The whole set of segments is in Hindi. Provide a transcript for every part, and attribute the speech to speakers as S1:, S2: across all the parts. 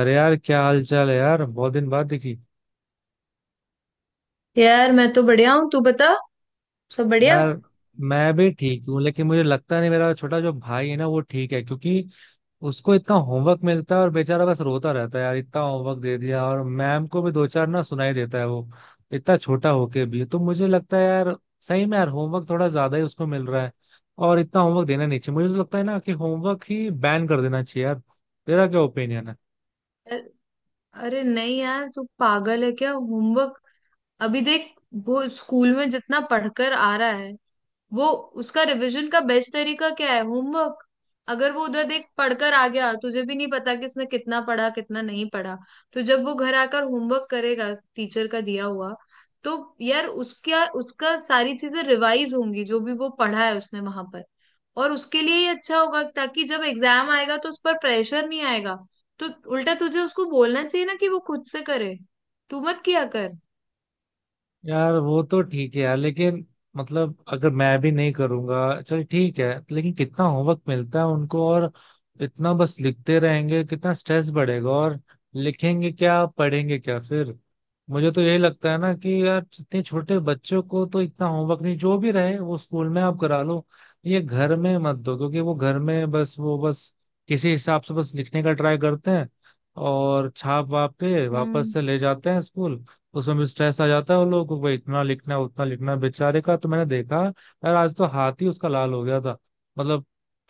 S1: अरे यार, क्या हाल चाल है यार? बहुत दिन बाद दिखी।
S2: यार, मैं तो बढ़िया हूँ। तू बता। सब बढ़िया।
S1: यार मैं भी ठीक हूँ, लेकिन मुझे लगता नहीं मेरा छोटा जो भाई है ना वो ठीक है, क्योंकि उसको इतना होमवर्क मिलता है और बेचारा बस रोता रहता है। यार इतना होमवर्क दे दिया, और मैम को भी दो चार ना सुनाई देता है वो, इतना छोटा होके भी। तो मुझे लगता है यार, सही में यार होमवर्क थोड़ा ज्यादा ही उसको मिल रहा है, और इतना होमवर्क देना नहीं चाहिए। मुझे तो लगता है ना कि होमवर्क ही बैन कर देना चाहिए यार। तेरा क्या ओपिनियन है?
S2: यार, अरे नहीं यार, तू पागल है क्या? होमवर्क? अभी देख, वो स्कूल में जितना पढ़कर आ रहा है, वो उसका रिवीजन का बेस्ट तरीका क्या है? होमवर्क। अगर वो उधर देख पढ़कर आ गया, तुझे भी नहीं पता कि इसने कितना पढ़ा, कितना नहीं पढ़ा। तो जब वो घर आकर होमवर्क करेगा, टीचर का दिया हुआ, तो यार उसका उसका सारी चीजें रिवाइज होंगी, जो भी वो पढ़ा है उसने वहां पर। और उसके लिए ही अच्छा होगा, ताकि जब एग्जाम आएगा तो उस पर प्रेशर नहीं आएगा। तो उल्टा तुझे उसको बोलना चाहिए ना, कि वो खुद से करे। तू मत किया कर।
S1: यार वो तो ठीक है यार, लेकिन मतलब अगर मैं भी नहीं करूंगा, चल ठीक है, लेकिन कितना होमवर्क मिलता है उनको, और इतना बस लिखते रहेंगे, कितना स्ट्रेस बढ़ेगा, और लिखेंगे क्या, पढ़ेंगे क्या फिर? मुझे तो यही लगता है ना कि यार इतने छोटे बच्चों को तो इतना होमवर्क नहीं, जो भी रहे वो स्कूल में आप करा लो, ये घर में मत दो। क्योंकि वो घर में बस, वो बस किसी हिसाब से बस लिखने का ट्राई करते हैं, और छाप वाप के वापस
S2: हम्म।
S1: से ले जाते हैं स्कूल। उसमें भी स्ट्रेस आ जाता है उन लोगों को, भाई इतना लिखना है उतना लिखना है। बेचारे का तो मैंने देखा यार, आज तो हाथ ही उसका लाल हो गया था। मतलब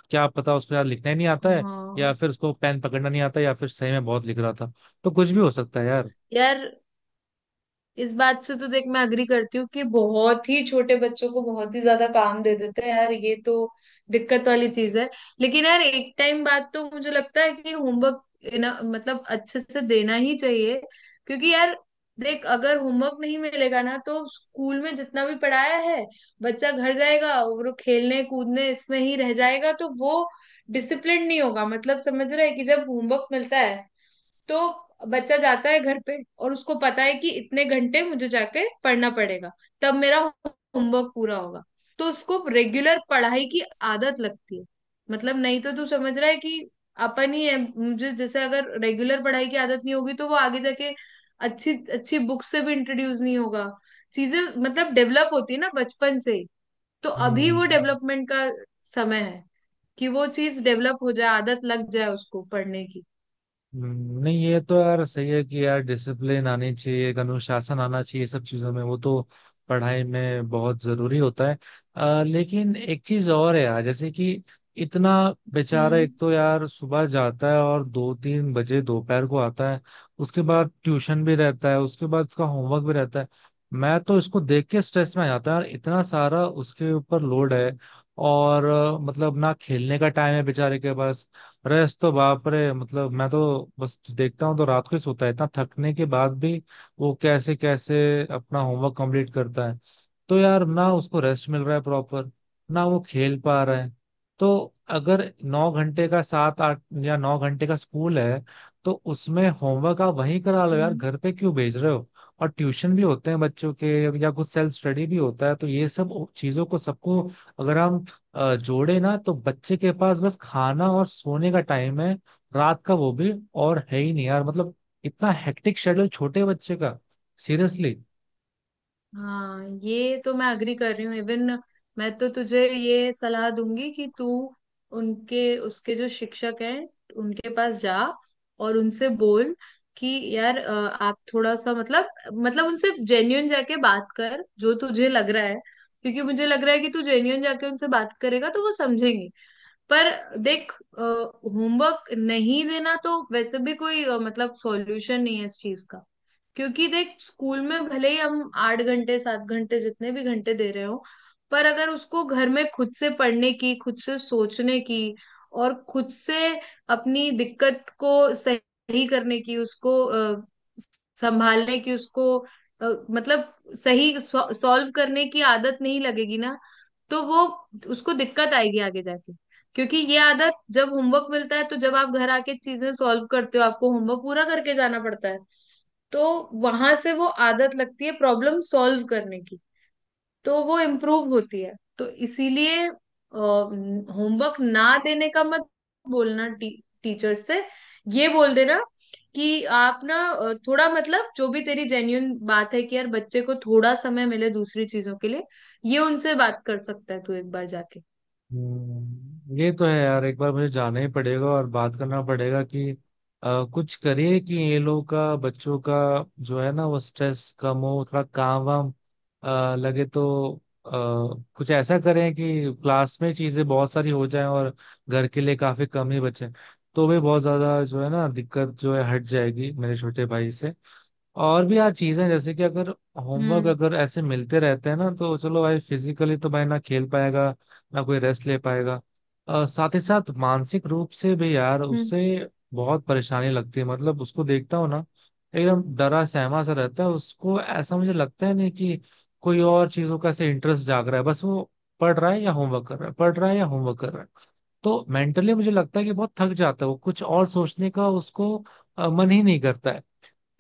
S1: क्या पता उसको यार लिखना ही नहीं आता है, या
S2: हाँ
S1: फिर उसको पेन पकड़ना नहीं आता, या फिर सही में बहुत लिख रहा था। तो कुछ भी हो सकता है यार।
S2: यार, इस बात से तो देख मैं अग्री करती हूँ कि बहुत ही छोटे बच्चों को बहुत ही ज्यादा काम दे देते हैं। यार, ये तो दिक्कत वाली चीज है। लेकिन यार एक टाइम बाद तो मुझे लगता है कि होमवर्क ना, मतलब अच्छे से देना ही चाहिए। क्योंकि यार, देख अगर होमवर्क नहीं मिलेगा ना, तो स्कूल में जितना भी पढ़ाया है, बच्चा घर जाएगा और वो खेलने कूदने इसमें ही रह जाएगा। तो वो डिसिप्लिन नहीं होगा। मतलब समझ रहा है कि जब होमवर्क मिलता है तो बच्चा जाता है घर पे, और उसको पता है कि इतने घंटे मुझे जाके पढ़ना पड़ेगा, तब मेरा होमवर्क पूरा होगा। तो उसको रेगुलर पढ़ाई की आदत लगती है। मतलब नहीं तो तू समझ रहा है कि अपन ही है मुझे, जैसे अगर रेगुलर पढ़ाई की आदत नहीं होगी तो वो आगे जाके अच्छी अच्छी बुक से भी इंट्रोड्यूस नहीं होगा। चीजें मतलब डेवलप होती है ना बचपन से ही। तो अभी वो
S1: हम्म।
S2: डेवलपमेंट का समय है कि वो चीज डेवलप हो जाए, आदत लग जाए उसको पढ़ने की।
S1: हम्म। नहीं, ये तो यार सही है कि यार डिसिप्लिन आनी चाहिए, एक अनुशासन आना चाहिए सब चीजों में, वो तो पढ़ाई में बहुत जरूरी होता है। लेकिन एक चीज और है यार, जैसे कि इतना बेचारा,
S2: हम्म।
S1: एक तो यार सुबह जाता है और दो तीन बजे दोपहर को आता है, उसके बाद ट्यूशन भी रहता है, उसके बाद उसका होमवर्क भी रहता है। मैं तो इसको देख के स्ट्रेस में आ जाता है यार, इतना सारा उसके ऊपर लोड है, और मतलब ना खेलने का टाइम है बेचारे के पास। रेस्ट तो बाप रे, मतलब मैं तो बस देखता हूँ तो रात को ही सोता है, इतना थकने के बाद भी वो कैसे कैसे अपना होमवर्क कंप्लीट करता है। तो यार ना उसको रेस्ट मिल रहा है प्रॉपर, ना वो खेल पा रहा है। तो अगर नौ घंटे का, सात आठ या नौ घंटे का स्कूल है, तो उसमें होमवर्क आप वहीं करा लो यार,
S2: हम्म।
S1: घर पे क्यों भेज रहे हो? और ट्यूशन भी होते हैं बच्चों के, या कुछ सेल्फ स्टडी भी होता है, तो ये सब चीजों को सबको अगर हम जोड़े ना, तो बच्चे के पास बस खाना और सोने का टाइम है रात का, वो भी और है ही नहीं यार। मतलब इतना हेक्टिक शेड्यूल छोटे बच्चे का, सीरियसली।
S2: हाँ, ये तो मैं अग्री कर रही हूँ। इवन मैं तो तुझे ये सलाह दूंगी कि तू उनके उसके जो शिक्षक हैं उनके पास जा, और उनसे बोल कि यार, आप थोड़ा सा मतलब उनसे जेन्यून जाके बात कर जो तुझे लग रहा है। क्योंकि मुझे लग रहा है कि तू जेन्यून जाके उनसे बात करेगा तो वो समझेंगे। पर देख, होमवर्क नहीं देना तो वैसे भी कोई मतलब सॉल्यूशन नहीं है इस चीज का। क्योंकि देख, स्कूल में भले ही हम आठ घंटे सात घंटे जितने भी घंटे दे रहे हो, पर अगर उसको घर में खुद से पढ़ने की, खुद से सोचने की, और खुद से अपनी दिक्कत को सही करने की, उसको संभालने की, उसको मतलब सही सॉल्व करने की आदत नहीं लगेगी ना, तो वो उसको दिक्कत आएगी आगे जाके। क्योंकि ये आदत, जब होमवर्क मिलता है, तो जब आप घर आके चीजें सॉल्व करते हो, आपको होमवर्क पूरा करके जाना पड़ता है, तो वहां से वो आदत लगती है प्रॉब्लम सॉल्व करने की। तो वो इम्प्रूव होती है। तो इसीलिए होमवर्क ना देने का मत बोलना। टीचर से ये बोल देना कि आप ना, थोड़ा मतलब, जो भी तेरी जेन्यून बात है कि यार बच्चे को थोड़ा समय मिले दूसरी चीजों के लिए, ये उनसे बात कर सकता है तू एक बार जाके।
S1: हम्म। ये तो है यार, एक बार मुझे जाना ही पड़ेगा और बात करना पड़ेगा कि अ, कुछ करिए कि ये लोग का बच्चों का जो है ना वो स्ट्रेस कम हो, थोड़ा काम वाम लगे तो अ, कुछ ऐसा करें कि क्लास में चीजें बहुत सारी हो जाएं, और घर के लिए काफी कम ही बचे, तो भी बहुत ज्यादा जो है ना दिक्कत जो है हट जाएगी मेरे छोटे भाई से। और भी यार चीजें, जैसे कि अगर होमवर्क
S2: हम्म।
S1: अगर ऐसे मिलते रहते हैं ना, तो चलो भाई फिजिकली तो भाई ना खेल पाएगा, ना कोई रेस्ट ले पाएगा। साथ ही साथ मानसिक रूप से भी यार
S2: हम्म।
S1: उससे बहुत परेशानी लगती है, मतलब उसको देखता हूँ ना, एकदम डरा सहमा सा रहता है, उसको ऐसा मुझे लगता है, नहीं कि कोई और चीजों का ऐसे इंटरेस्ट जाग रहा है, बस वो पढ़ रहा है या होमवर्क कर रहा है, पढ़ रहा है या होमवर्क कर रहा है। तो मेंटली मुझे लगता है कि बहुत थक जाता है वो, कुछ और सोचने का उसको मन ही नहीं करता है।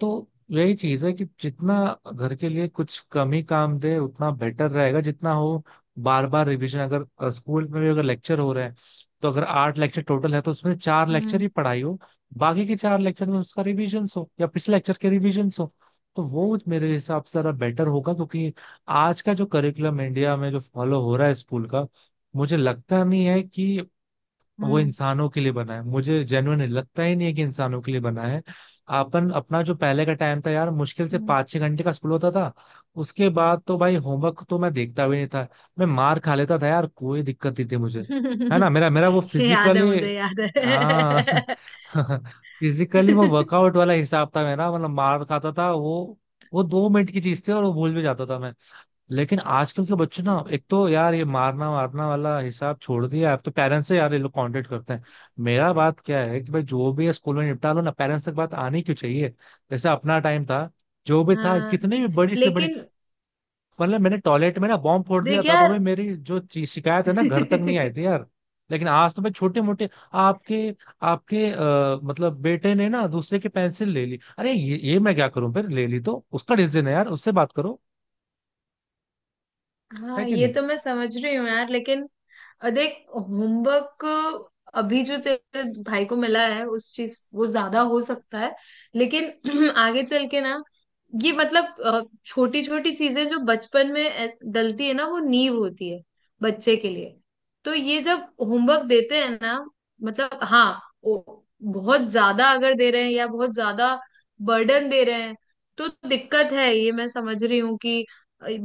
S1: तो यही चीज है कि जितना घर के लिए कुछ कम ही काम दे उतना बेटर रहेगा, जितना हो बार बार रिवीजन, अगर स्कूल में भी अगर लेक्चर हो रहे हैं तो अगर आठ लेक्चर टोटल है, तो उसमें चार लेक्चर
S2: हम्म।
S1: ही पढ़ाई हो, बाकी के चार लेक्चर में उसका रिवीजन हो या पिछले लेक्चर के रिवीजन हो। तो वो मेरे हिसाब से जरा बेटर होगा, क्योंकि आज का जो करिकुलम इंडिया में जो फॉलो हो रहा है स्कूल का, मुझे लगता नहीं है कि वो
S2: हम्म।
S1: इंसानों के लिए बना है, मुझे जेन्युइन लगता ही नहीं है कि इंसानों के लिए बना है। अपन अपना जो पहले का टाइम था यार, मुश्किल से
S2: हम्म।
S1: पाँच छह घंटे का स्कूल होता था। उसके बाद तो भाई होमवर्क तो मैं देखता भी नहीं था, मैं मार खा लेता था यार, कोई दिक्कत नहीं थी मुझे। है ना, मेरा मेरा वो
S2: याद है।
S1: फिजिकली,
S2: मुझे याद
S1: हाँ
S2: है।
S1: फिजिकली, वो वर्कआउट वाला हिसाब था मेरा, मतलब मार खाता था वो दो मिनट की चीज थी और वो भूल भी जाता था मैं। लेकिन आजकल के बच्चे ना, एक तो यार ये मारना मारना वाला हिसाब छोड़ दिया, अब तो पेरेंट्स से यार ये लोग कांटेक्ट करते हैं। मेरा बात क्या है कि भाई जो भी है स्कूल में निपटा लो ना, पेरेंट्स तक बात आनी क्यों चाहिए? जैसे अपना टाइम था, जो भी था,
S2: हाँ
S1: कितनी भी बड़ी से बड़ी,
S2: लेकिन
S1: मतलब मैंने टॉयलेट में ना बॉम्ब फोड़ दिया
S2: देख
S1: था, तो भाई
S2: यार।
S1: मेरी जो शिकायत है ना, घर तक नहीं आई थी यार। लेकिन आज तो मैं छोटे मोटे, आपके आपके आ, मतलब बेटे ने ना दूसरे की पेंसिल ले ली, अरे ये मैं क्या करूं, फिर ले ली तो उसका डिसीजन है यार, उससे बात करो। है
S2: हाँ,
S1: कि
S2: ये
S1: नहीं?
S2: तो मैं समझ रही हूँ यार, लेकिन देख होमवर्क अभी जो तेरे भाई को मिला है उस चीज, वो ज्यादा हो सकता है। लेकिन आगे चल के ना, ये मतलब छोटी छोटी चीजें जो बचपन में डलती है ना, वो नींव होती है बच्चे के लिए। तो ये जब होमवर्क देते हैं ना, मतलब हाँ, वो बहुत ज्यादा अगर दे रहे हैं या बहुत ज्यादा बर्डन दे रहे हैं, तो दिक्कत है, ये मैं समझ रही हूँ कि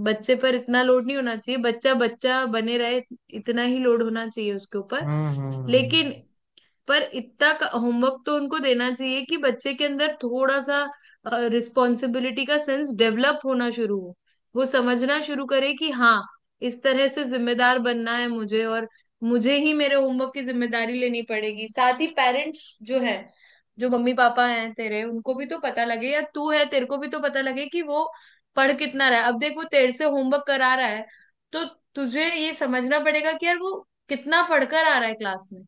S2: बच्चे पर इतना लोड नहीं होना चाहिए। बच्चा बच्चा बने रहे, इतना ही लोड होना चाहिए उसके ऊपर।
S1: हम्म, हम्म,
S2: लेकिन, पर इतना होमवर्क तो उनको देना चाहिए कि बच्चे के अंदर थोड़ा सा रिस्पॉन्सिबिलिटी का सेंस डेवलप होना शुरू हो। वो समझना शुरू करे कि हाँ, इस तरह से जिम्मेदार बनना है मुझे, और मुझे ही मेरे होमवर्क की जिम्मेदारी लेनी पड़ेगी। साथ ही पेरेंट्स जो है, जो मम्मी पापा हैं तेरे, उनको भी तो पता लगे, या तू है तेरे को भी तो पता लगे कि वो पढ़ कितना रहा है। अब देख, वो तेरे से होमवर्क करा रहा है, तो तुझे ये समझना पड़ेगा कि यार वो कितना पढ़कर आ रहा है क्लास में,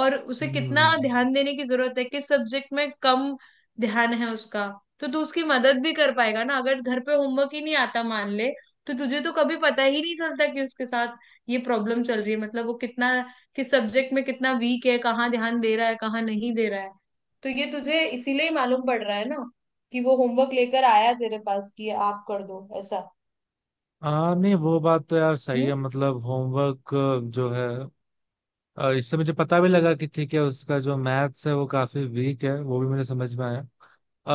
S2: और उसे कितना
S1: हम्म।
S2: ध्यान देने की जरूरत है, किस सब्जेक्ट में कम ध्यान है उसका। तो तू उसकी मदद भी कर पाएगा ना। अगर घर पे होमवर्क ही नहीं आता मान ले, तो तुझे तो कभी पता ही नहीं चलता कि उसके साथ ये प्रॉब्लम चल रही है, मतलब वो कितना, किस सब्जेक्ट में कितना वीक है, कहाँ ध्यान दे रहा है कहाँ नहीं दे रहा है। तो ये तुझे इसीलिए ही मालूम पड़ रहा है ना, कि वो होमवर्क लेकर आया तेरे पास कि ये आप कर दो ऐसा।
S1: हाँ नहीं, वो बात तो यार सही
S2: हम्म।
S1: है, मतलब होमवर्क जो है, इससे मुझे पता भी लगा कि ठीक है, उसका जो मैथ्स है वो काफी वीक है, वो भी मुझे समझ में आया।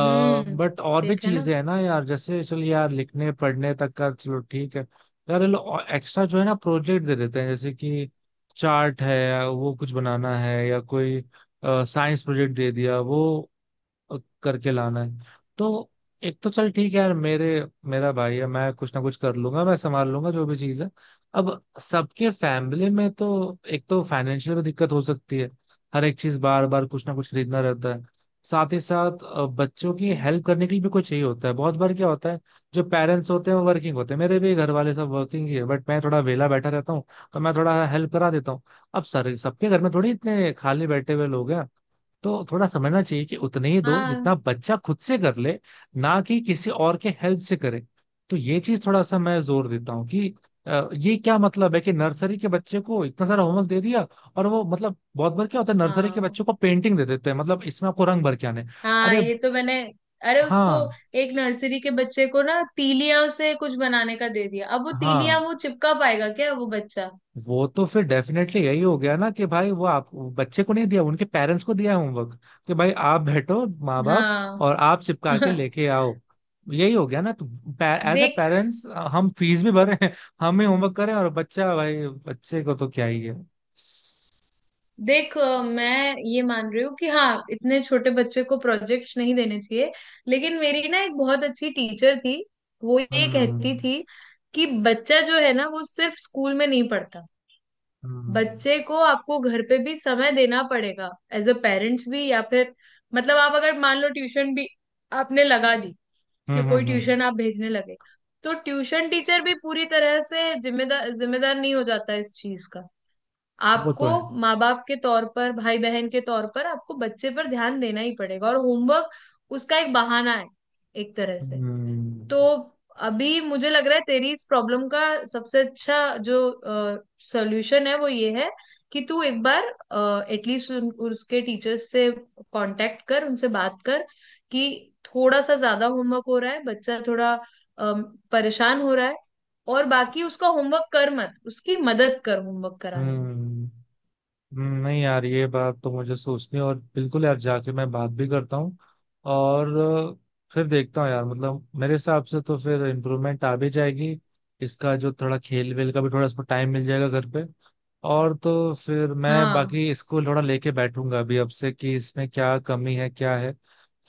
S2: हम्म।
S1: और भी
S2: देखा ना।
S1: चीजें है ना यार, जैसे चलो यार लिखने पढ़ने तक का चलो ठीक है। यार ये लोग एक्स्ट्रा जो है ना प्रोजेक्ट दे देते हैं, जैसे कि चार्ट है वो कुछ बनाना है, या कोई साइंस प्रोजेक्ट दे दिया, वो करके लाना है। तो एक तो चल ठीक है यार, मेरे मेरा भाई है, मैं कुछ ना कुछ कर लूंगा, मैं संभाल लूंगा जो भी चीज है। अब सबके फैमिली में तो एक तो फाइनेंशियल में दिक्कत हो सकती है, हर एक चीज बार बार कुछ ना कुछ खरीदना रहता है। साथ ही साथ बच्चों की हेल्प
S2: हम्म।
S1: करने के लिए भी कुछ चाहिए होता है, बहुत बार क्या होता है जो पेरेंट्स होते हैं वो वर्किंग होते हैं, मेरे भी घर वाले सब वर्किंग ही है, बट मैं थोड़ा वेला बैठा रहता हूँ, तो मैं थोड़ा हेल्प करा देता हूँ। अब सर सबके घर में थोड़ी इतने खाली बैठे हुए लोग हैं, तो थोड़ा समझना चाहिए कि उतने ही दो जितना
S2: हाँ।
S1: बच्चा खुद से कर ले, ना कि किसी और के हेल्प से करे। तो ये चीज थोड़ा सा मैं जोर देता हूँ कि ये क्या मतलब है कि नर्सरी के बच्चे को इतना सारा होमवर्क दे दिया, और वो, मतलब बहुत बार क्या होता है नर्सरी के
S2: हाँ।
S1: बच्चों को पेंटिंग दे देते हैं, मतलब इसमें आपको रंग भर के आने।
S2: हाँ,
S1: अरे।
S2: ये तो मैंने। अरे उसको,
S1: हाँ,
S2: एक नर्सरी के बच्चे को ना, तीलियां से कुछ बनाने का दे दिया, अब वो तीलियां
S1: हाँ,
S2: वो चिपका पाएगा क्या वो बच्चा?
S1: वो तो फिर डेफिनेटली यही हो गया ना कि भाई वो आप, वो बच्चे को नहीं दिया, उनके पेरेंट्स को दिया है होमवर्क, कि भाई आप बैठो माँ बाप,
S2: हाँ।
S1: और आप चिपका के लेके आओ। यही हो गया ना, तो एज ए
S2: देख।
S1: पेरेंट्स हम फीस भी भर रहे हैं, हम ही होमवर्क करें, और बच्चा, भाई बच्चे को तो क्या ही है।
S2: देख, मैं ये मान रही हूँ कि हाँ, इतने छोटे बच्चे को प्रोजेक्ट्स नहीं देने चाहिए। लेकिन मेरी ना एक बहुत अच्छी टीचर थी। वो ये कहती
S1: हम्म,
S2: थी कि बच्चा जो है ना वो सिर्फ स्कूल में नहीं पढ़ता।
S1: हम्म,
S2: बच्चे को आपको घर पे भी समय देना पड़ेगा एज अ पेरेंट्स भी, या फिर मतलब आप अगर मान लो ट्यूशन भी आपने लगा दी,
S1: हम्म,
S2: कि
S1: हम्म,
S2: कोई
S1: हम्म।
S2: ट्यूशन आप भेजने लगे, तो ट्यूशन टीचर भी पूरी तरह से जिम्मेदार जिम्मेदार नहीं हो जाता इस चीज का।
S1: वो तो
S2: आपको
S1: है।
S2: माँ बाप के तौर पर, भाई बहन के तौर पर, आपको बच्चे पर ध्यान देना ही पड़ेगा, और होमवर्क उसका एक बहाना है एक तरह से।
S1: हम्म,
S2: तो अभी मुझे लग रहा है तेरी इस प्रॉब्लम का सबसे अच्छा जो सॉल्यूशन है वो ये है कि तू एक बार एटलीस्ट उसके टीचर्स से कांटेक्ट कर, उनसे बात कर कि थोड़ा सा ज्यादा होमवर्क हो रहा है, बच्चा थोड़ा अम, परेशान हो रहा है, और बाकी उसका होमवर्क कर मत, उसकी मदद कर होमवर्क कराने में।
S1: हम्म, हम्म। नहीं यार, ये बात तो मुझे सोचनी, और बिल्कुल यार जाके मैं बात भी करता हूँ, और फिर देखता हूँ यार। मतलब मेरे हिसाब से तो फिर इम्प्रूवमेंट आ भी जाएगी इसका, जो थोड़ा खेल वेल का भी थोड़ा इसको टाइम मिल जाएगा घर पे। और तो फिर मैं
S2: हाँ।
S1: बाकी इसको थोड़ा लेके बैठूंगा अभी अब से, कि इसमें क्या कमी है क्या है,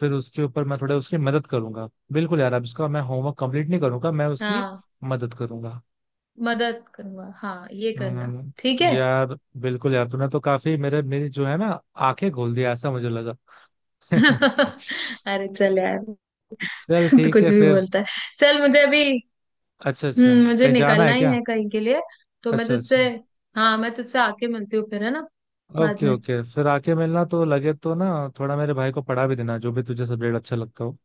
S1: फिर उसके ऊपर मैं थोड़ा उसकी मदद करूंगा। बिल्कुल यार, अब इसका मैं होमवर्क कंप्लीट नहीं करूंगा, मैं उसकी
S2: हाँ।
S1: मदद करूंगा।
S2: मदद करूंगा, हाँ ये करना। ठीक है।
S1: यार, बिल्कुल यार, तूने तो काफी मेरे मेरी जो है ना आंखें खोल दिया, ऐसा मुझे लगा।
S2: अरे चल यार।
S1: चल
S2: तो
S1: ठीक
S2: कुछ
S1: है
S2: भी
S1: फिर।
S2: बोलता है। चल, मुझे अभी,
S1: अच्छा, अच्छा।
S2: हम्म, मुझे
S1: कहीं जाना
S2: निकलना
S1: है
S2: ही
S1: क्या?
S2: है कहीं के लिए, तो मैं
S1: अच्छा, अच्छा।
S2: तुझसे, हाँ मैं तुझसे आके मिलती हूँ फिर, है ना? बाद
S1: ओके,
S2: में।
S1: ओके, फिर आके मिलना तो, लगे तो ना थोड़ा मेरे भाई को पढ़ा भी देना, जो भी तुझे सब्जेक्ट अच्छा लगता हो।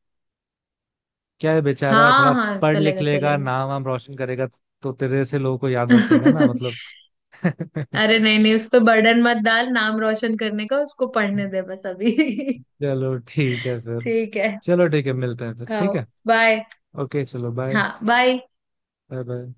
S1: क्या है बेचारा,
S2: हाँ।
S1: थोड़ा
S2: हाँ,
S1: पढ़ लिख
S2: चलेगा
S1: लेगा,
S2: चलेगा।
S1: नाम वाम रोशन करेगा, तो तेरे से लोगों को याद रखेगा ना, मतलब।
S2: अरे नहीं नहीं, उस पर बर्डन मत डाल नाम रोशन करने का, उसको पढ़ने दे बस अभी।
S1: चलो ठीक है फिर।
S2: ठीक है।
S1: चलो ठीक है, मिलते हैं फिर, ठीक
S2: हाँ,
S1: है।
S2: बाय।
S1: ओके चलो, बाय।
S2: हाँ, बाय।
S1: Bye bye.